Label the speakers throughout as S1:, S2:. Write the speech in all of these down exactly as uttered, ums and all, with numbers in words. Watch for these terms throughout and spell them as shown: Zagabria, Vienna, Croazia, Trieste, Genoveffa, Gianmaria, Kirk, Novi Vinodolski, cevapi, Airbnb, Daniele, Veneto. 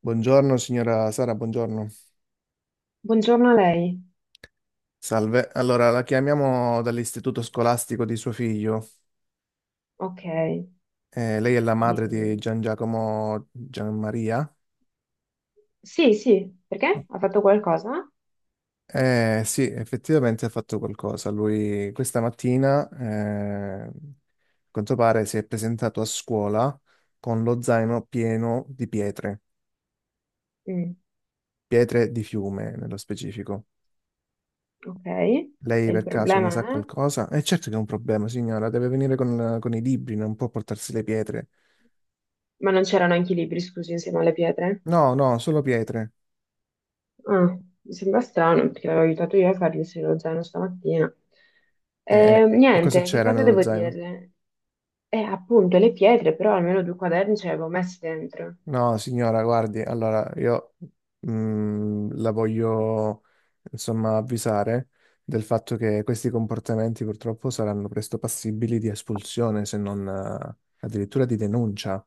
S1: Buongiorno signora Sara, buongiorno.
S2: Buongiorno a lei.
S1: Salve. Allora, la chiamiamo dall'istituto scolastico di suo figlio.
S2: Ok,
S1: Eh, lei è la madre di
S2: dimmi.
S1: Gian Giacomo Gianmaria?
S2: Sì, sì, perché? Ha fatto qualcosa?
S1: Eh, sì, effettivamente ha fatto qualcosa. Lui questa mattina, eh, a quanto pare, si è presentato a scuola con lo zaino pieno di pietre,
S2: Mm,
S1: pietre di fiume nello specifico.
S2: ok.
S1: Lei
S2: E il
S1: per caso ne sa
S2: problema è?
S1: qualcosa? Eh, certo che è un problema, signora, deve venire con, con i libri, non può portarsi le pietre.
S2: Ma non c'erano anche i libri, scusi, insieme alle pietre?
S1: No, no, solo pietre.
S2: Ah, mi sembra strano, perché l'avevo aiutato io a fargli il lo zaino stamattina.
S1: E,
S2: Eh,
S1: e- e cosa
S2: niente, che
S1: c'era
S2: cosa
S1: nello
S2: devo
S1: zaino?
S2: dirle? Eh, appunto, le pietre, però almeno due quaderni ce le avevo messe dentro.
S1: No, signora, guardi, allora io mm, la voglio insomma avvisare del fatto che questi comportamenti purtroppo saranno presto passibili di espulsione, se non eh, addirittura di denuncia.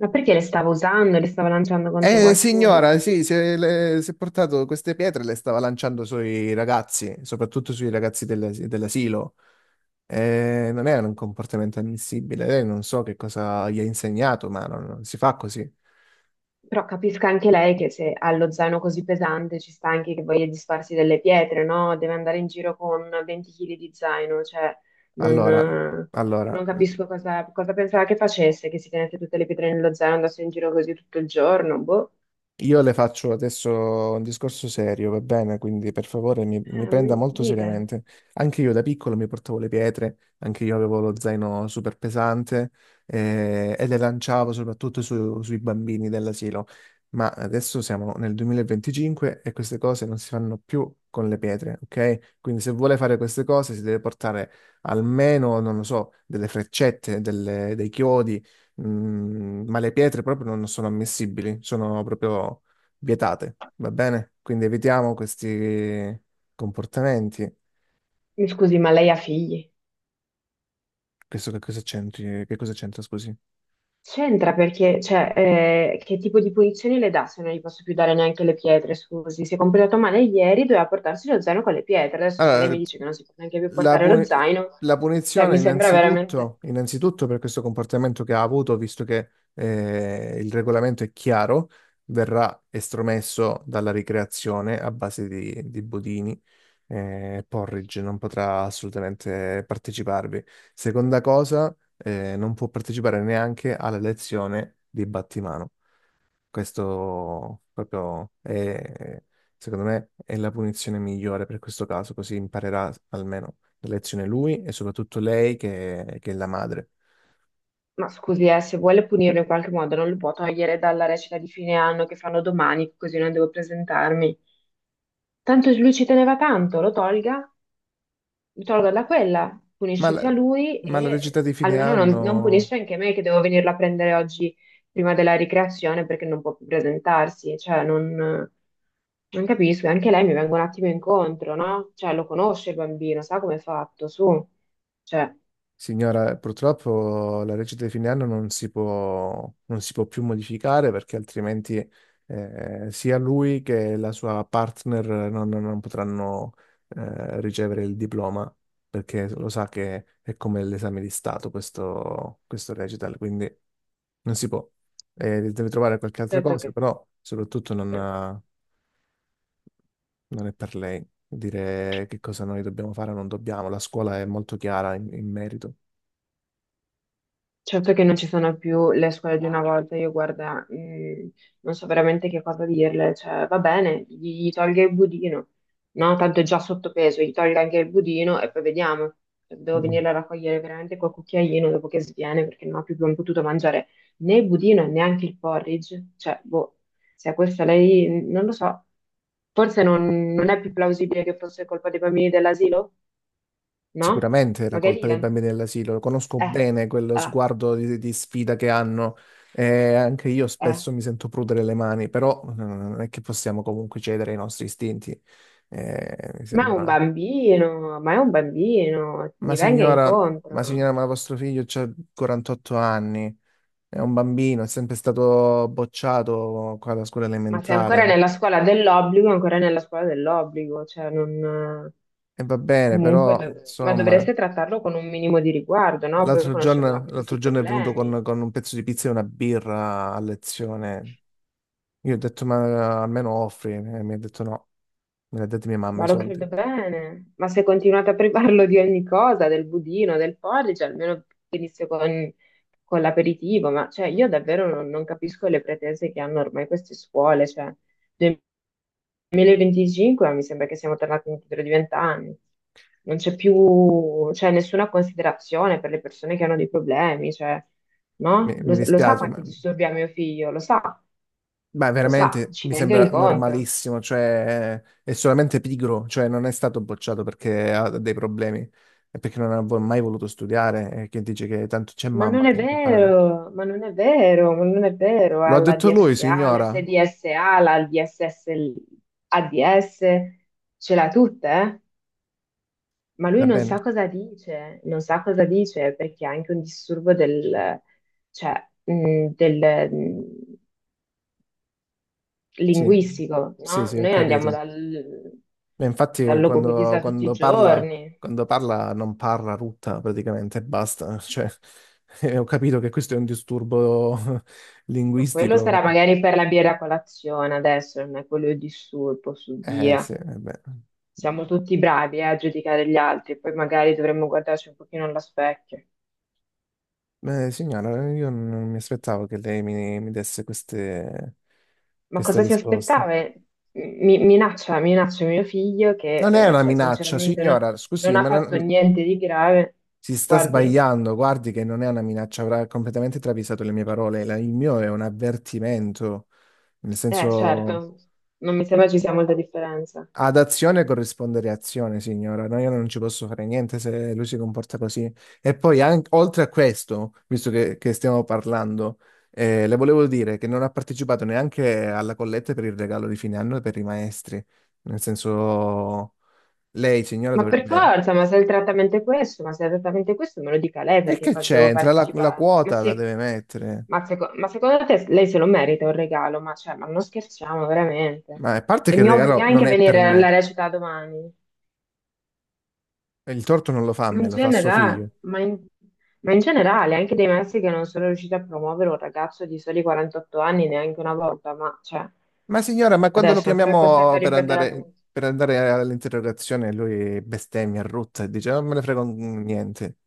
S2: Ma perché le stavo usando, le stavo lanciando contro
S1: Eh,
S2: qualcuno?
S1: signora, sì, si è, le- si è portato queste pietre, e le stava lanciando sui ragazzi, soprattutto sui ragazzi del- dell'asilo. Eh, non è un comportamento ammissibile. Lei non so che cosa gli ha insegnato, ma non, non si fa così.
S2: Però capisca anche lei che se ha lo zaino così pesante ci sta anche che voglia disfarsi delle pietre, no? Deve andare in giro con venti chili di zaino, cioè non,
S1: Allora,
S2: eh,
S1: allora,
S2: non capisco cosa, cosa pensava che facesse, che si tenesse tutte le pietre nello zaino e andasse in giro così tutto il giorno, boh.
S1: Io le faccio adesso un discorso serio, va bene? Quindi per favore mi, mi
S2: Eh, mi
S1: prenda molto
S2: dica.
S1: seriamente. Anche io da piccolo mi portavo le pietre, anche io avevo lo zaino super pesante eh, e le lanciavo soprattutto su- sui bambini dell'asilo. Ma adesso siamo nel duemilaventicinque e queste cose non si fanno più con le pietre, ok? Quindi se vuole fare queste cose si deve portare almeno, non lo so, delle freccette, delle- dei chiodi. Mm, ma le pietre proprio non sono ammissibili, sono proprio vietate, va bene? Quindi evitiamo questi comportamenti.
S2: Mi scusi, ma lei ha figli?
S1: Questo che cosa c'entri? Che cosa c'entra, scusi?
S2: C'entra perché, cioè, eh, che tipo di punizioni le dà se non gli posso più dare neanche le pietre, scusi. Si è comportato male ieri, doveva portarsi lo zaino con le pietre. Adesso se lei mi
S1: Allora,
S2: dice che non si può neanche più
S1: La,
S2: portare lo
S1: puni-
S2: zaino,
S1: la
S2: cioè,
S1: punizione
S2: mi sembra veramente.
S1: innanzitutto, innanzitutto per questo comportamento che ha avuto, visto che eh, il regolamento è chiaro, verrà estromesso dalla ricreazione a base di, di budini. Eh, Porridge non potrà assolutamente parteciparvi. Seconda cosa, eh, non può partecipare neanche alla lezione di battimano. Questo proprio è, secondo me, è la punizione migliore per questo caso, così imparerà almeno la lezione lui e soprattutto lei che, che è la madre.
S2: Ma scusi, eh, se vuole punirlo in qualche modo, non lo può togliere dalla recita di fine anno che fanno domani, così non devo presentarmi. Tanto lui ci teneva tanto, lo tolga tolgo da quella,
S1: Ma
S2: punisce
S1: la,
S2: sia lui
S1: ma la
S2: e
S1: recita di fine
S2: almeno non, non
S1: anno.
S2: punisce anche me che devo venirla a prendere oggi prima della ricreazione perché non può più presentarsi, cioè non, non capisco, e anche lei mi venga un attimo incontro, no? Cioè lo conosce il bambino, sa come è fatto, su, cioè,
S1: Signora, purtroppo la legge di fine anno non si può, non si può più modificare perché altrimenti eh, sia lui che la sua partner non, non potranno eh, ricevere il diploma perché lo sa che è come l'esame di Stato questo, questo recital, quindi non si può. Eh, deve trovare qualche altra
S2: certo.
S1: cosa, però soprattutto non, non è per lei dire che cosa noi dobbiamo fare o non dobbiamo. La scuola è molto chiara in in merito.
S2: Certo che non ci sono più le scuole di una volta, io guarda, mh, non so veramente che cosa dirle, cioè va bene, gli, gli tolga il budino, no? Tanto è già sottopeso, gli tolga anche il budino e poi vediamo. Cioè, devo
S1: Mm.
S2: venirla a raccogliere veramente col cucchiaino dopo che sviene perché non ho più potuto mangiare né il budino e neanche il porridge, cioè boh, se a questa lei, non lo so, forse non, non è più plausibile che fosse colpa dei bambini dell'asilo, no?
S1: Sicuramente è la colpa
S2: Magari la.
S1: dei bambini dell'asilo, lo conosco
S2: Eh,
S1: bene quello
S2: eh,
S1: sguardo di, di sfida che hanno e anche io
S2: eh.
S1: spesso mi sento prudere le mani, però eh, non è che possiamo comunque cedere ai nostri istinti. Eh, mi
S2: Ma è un
S1: sembra...
S2: bambino, ma è un bambino,
S1: Ma
S2: mi venga
S1: signora, ma
S2: incontro.
S1: signora, ma vostro figlio ha quarantotto anni, è un bambino, è sempre stato bocciato qua alla scuola
S2: Ma se è
S1: elementare,
S2: ancora
S1: no?
S2: nella scuola dell'obbligo, è ancora nella scuola dell'obbligo, cioè non.
S1: E va bene,
S2: Comunque,
S1: però
S2: dov- ma
S1: insomma,
S2: dovreste trattarlo con un minimo di riguardo, no? Poi
S1: l'altro
S2: conoscendo
S1: giorno,
S2: anche tutti
S1: l'altro
S2: i
S1: giorno è venuto con,
S2: problemi.
S1: con un pezzo di pizza e una birra a lezione. Io ho detto, ma almeno offri, e mi ha detto no, me l'ha detto mia mamma
S2: Ma
S1: i
S2: lo
S1: soldi.
S2: credo bene. Ma se continuate a privarlo di ogni cosa, del budino, del porridge, almeno venisse con, con, l'aperitivo. Ma cioè, io davvero non, non capisco le pretese che hanno ormai queste scuole, cioè. duemilaventicinque mi sembra che siamo tornati indietro di venti anni. Non c'è più, cioè, nessuna considerazione per le persone che hanno dei problemi, cioè,
S1: Mi,
S2: no? Lo,
S1: mi
S2: lo sa
S1: dispiace, ma,
S2: quanti disturbi ha mio figlio, lo sa,
S1: ma
S2: lo sa,
S1: veramente
S2: ci
S1: mi
S2: venga
S1: sembra
S2: incontro.
S1: normalissimo, cioè è solamente pigro, cioè non è stato bocciato perché ha dei problemi, è perché non ha vo- mai voluto studiare e che dice che tanto c'è
S2: Ma non
S1: mamma
S2: è
S1: che, che paga.
S2: vero, ma non è vero, ma non è vero,
S1: Lo
S2: ha
S1: ha
S2: la
S1: detto lui,
S2: D S A,
S1: signora.
S2: l'S D S A, la D S S, l'A D S, ce l'ha tutte, eh? Ma lui
S1: Va
S2: non
S1: bene,
S2: sa cosa dice, non sa cosa dice perché ha anche un disturbo del, cioè, mh, del, mh,
S1: sì,
S2: linguistico,
S1: sì,
S2: no?
S1: sì, ho
S2: Noi andiamo
S1: capito.
S2: dal,
S1: Beh, infatti,
S2: dal
S1: quando,
S2: logopedista tutti i
S1: quando parla,
S2: giorni,
S1: quando parla, non parla rutta praticamente, e basta. Cioè, eh, ho capito che questo è un disturbo
S2: ma quello
S1: linguistico, ma...
S2: sarà magari per la birra a colazione adesso, non è quello il disturbo su
S1: Eh sì,
S2: via.
S1: eh beh.
S2: Siamo tutti bravi, eh, a giudicare gli altri, poi magari dovremmo guardarci un pochino allo specchio.
S1: Beh, signora, io non mi aspettavo che lei mi, mi desse queste,
S2: Ma
S1: queste
S2: cosa si
S1: risposte.
S2: aspettava? Eh, Mi, minaccia, minaccia mio figlio che,
S1: Non è
S2: eh,
S1: una
S2: cioè,
S1: minaccia,
S2: sinceramente non,
S1: signora, scusi,
S2: non ha
S1: ma
S2: fatto
S1: non-
S2: niente di grave.
S1: si sta
S2: Guardi,
S1: sbagliando. Guardi che non è una minaccia, avrà completamente travisato le mie parole. La- Il mio è un avvertimento, nel
S2: eh,
S1: senso...
S2: certo, non mi sembra ci sia molta differenza.
S1: Ad azione corrisponde reazione, signora. No, io non ci posso fare niente se lui si comporta così. E poi, anche, oltre a questo, visto che, che stiamo parlando, eh, le volevo dire che non ha partecipato neanche alla colletta per il regalo di fine anno per i maestri. Nel senso, lei, signora,
S2: Ma per
S1: dovrebbe...
S2: forza, ma se il trattamento è questo, ma se il trattamento è questo, me lo dica lei
S1: E
S2: perché
S1: che
S2: cosa devo
S1: c'entra? La, la
S2: partecipare. Ma
S1: quota la
S2: sì,
S1: deve mettere.
S2: ma, seco- ma secondo te lei se lo merita un regalo? Ma, cioè, ma non scherziamo veramente.
S1: Ma a parte
S2: E
S1: che il
S2: mi
S1: regalo
S2: obbliga anche
S1: non
S2: a
S1: è per
S2: venire alla
S1: me,
S2: recita domani.
S1: il torto non lo fa a
S2: Ma
S1: me,
S2: in
S1: lo fa a suo figlio.
S2: genera- ma in- ma in generale, anche dei Messi che non sono riusciti a promuovere un ragazzo di soli quarantotto anni neanche una volta, ma cioè,
S1: Ma signora, ma quando lo
S2: adesso ancora è costretto
S1: chiamiamo
S2: a
S1: per
S2: ripetere la.
S1: andare, per andare all'interrogazione, lui bestemmia, rutta e dice: "Oh, non me ne frega un- niente."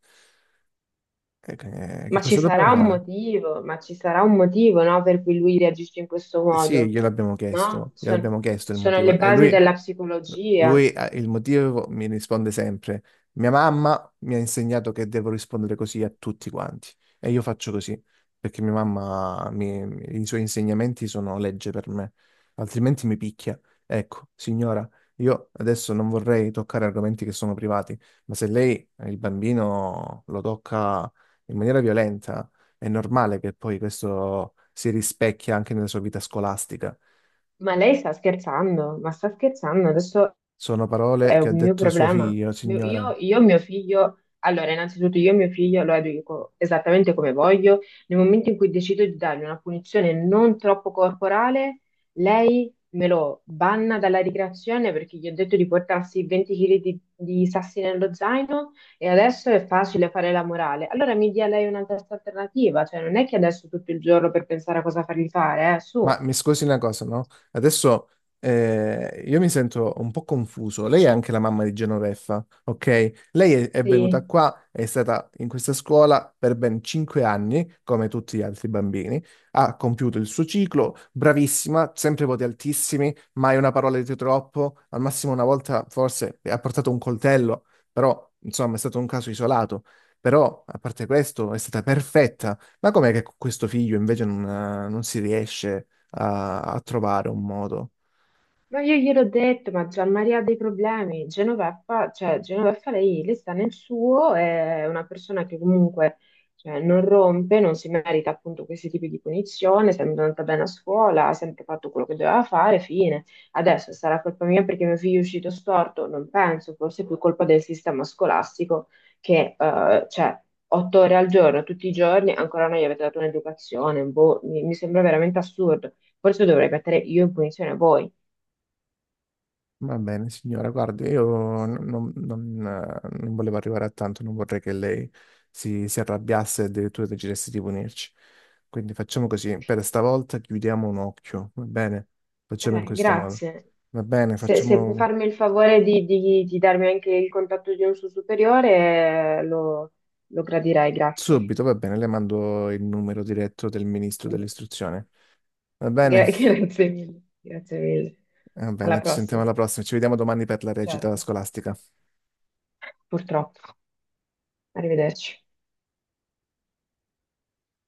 S1: E che che
S2: Ma ci
S1: cosa dobbiamo
S2: sarà un
S1: fare?
S2: motivo, ma ci sarà un motivo, no, per cui lui reagisce in questo
S1: Sì,
S2: modo,
S1: gliel'abbiamo
S2: no?
S1: chiesto, gliel'abbiamo
S2: Sono,
S1: chiesto il
S2: sono
S1: motivo.
S2: le
S1: E
S2: basi
S1: lui.
S2: della psicologia.
S1: Lui, eh, il motivo mi risponde sempre: mia mamma mi ha insegnato che devo rispondere così a tutti quanti e io faccio così perché mia mamma, mi- i suoi insegnamenti sono legge per me, altrimenti mi picchia. Ecco, signora, io adesso non vorrei toccare argomenti che sono privati, ma se lei, eh, il bambino, lo tocca in maniera violenta, è normale che poi questo si rispecchia anche nella sua vita scolastica.
S2: Ma lei sta scherzando, ma sta scherzando. Adesso
S1: Sono
S2: è
S1: parole che ha
S2: un mio
S1: detto suo
S2: problema.
S1: figlio,
S2: Mio-
S1: signora.
S2: Io, io, mio figlio, allora, innanzitutto io mio figlio lo educo esattamente come voglio. Nel momento in cui decido di dargli una punizione non troppo corporale, lei me lo banna dalla ricreazione perché gli ho detto di portarsi venti chili di, di sassi nello zaino e adesso è facile fare la morale. Allora mi dia lei una testa alternativa, cioè non è che adesso tutto il giorno per pensare a cosa fargli fare, eh, su.
S1: Ma mi scusi una cosa, no? Adesso eh, io mi sento un po' confuso. Lei è anche la mamma di Genoveffa, ok? Lei è, è
S2: Sì.
S1: venuta qua, è stata in questa scuola per ben cinque anni, come tutti gli altri bambini. Ha compiuto il suo ciclo, bravissima, sempre voti altissimi, mai una parola di troppo. Al massimo una volta forse ha portato un coltello, però insomma è stato un caso isolato. Però, a parte questo, è stata perfetta. Ma com'è che con questo figlio invece non, eh, non si riesce a, a trovare un modo.
S2: Ma io gliel'ho detto, ma Gianmaria ha dei problemi. Genoveffa, cioè, Genoveffa lei, lei sta nel suo, è una persona che comunque cioè, non rompe, non si merita appunto questi tipi di punizione, è sempre andata bene a scuola, ha sempre fatto quello che doveva fare, fine. Adesso sarà colpa mia perché mio figlio è uscito storto? Non penso, forse è più colpa del sistema scolastico che, eh, cioè, otto ore al giorno, tutti i giorni, ancora non gli avete dato un'educazione, boh, mi mi sembra veramente assurdo. Forse dovrei mettere io in punizione voi.
S1: Va bene, signora, guardi, io non, non- eh, non volevo arrivare a tanto, non vorrei che lei si, si arrabbiasse e addirittura decidesse di punirci. Quindi facciamo così, per stavolta chiudiamo un occhio, va bene? Facciamo in
S2: Eh,
S1: questo modo.
S2: grazie.
S1: Va bene,
S2: Se, se può
S1: facciamo
S2: farmi il favore di, di- di darmi anche il contatto di un suo superiore, eh, lo, lo gradirei, grazie.
S1: subito, va bene, le mando il numero diretto del ministro dell'istruzione. Va bene?
S2: Gra- grazie mille, grazie mille.
S1: Va
S2: Alla
S1: bene, ci sentiamo
S2: prossima.
S1: alla prossima, ci vediamo domani per la recita
S2: Certo.
S1: scolastica.
S2: Purtroppo. Arrivederci.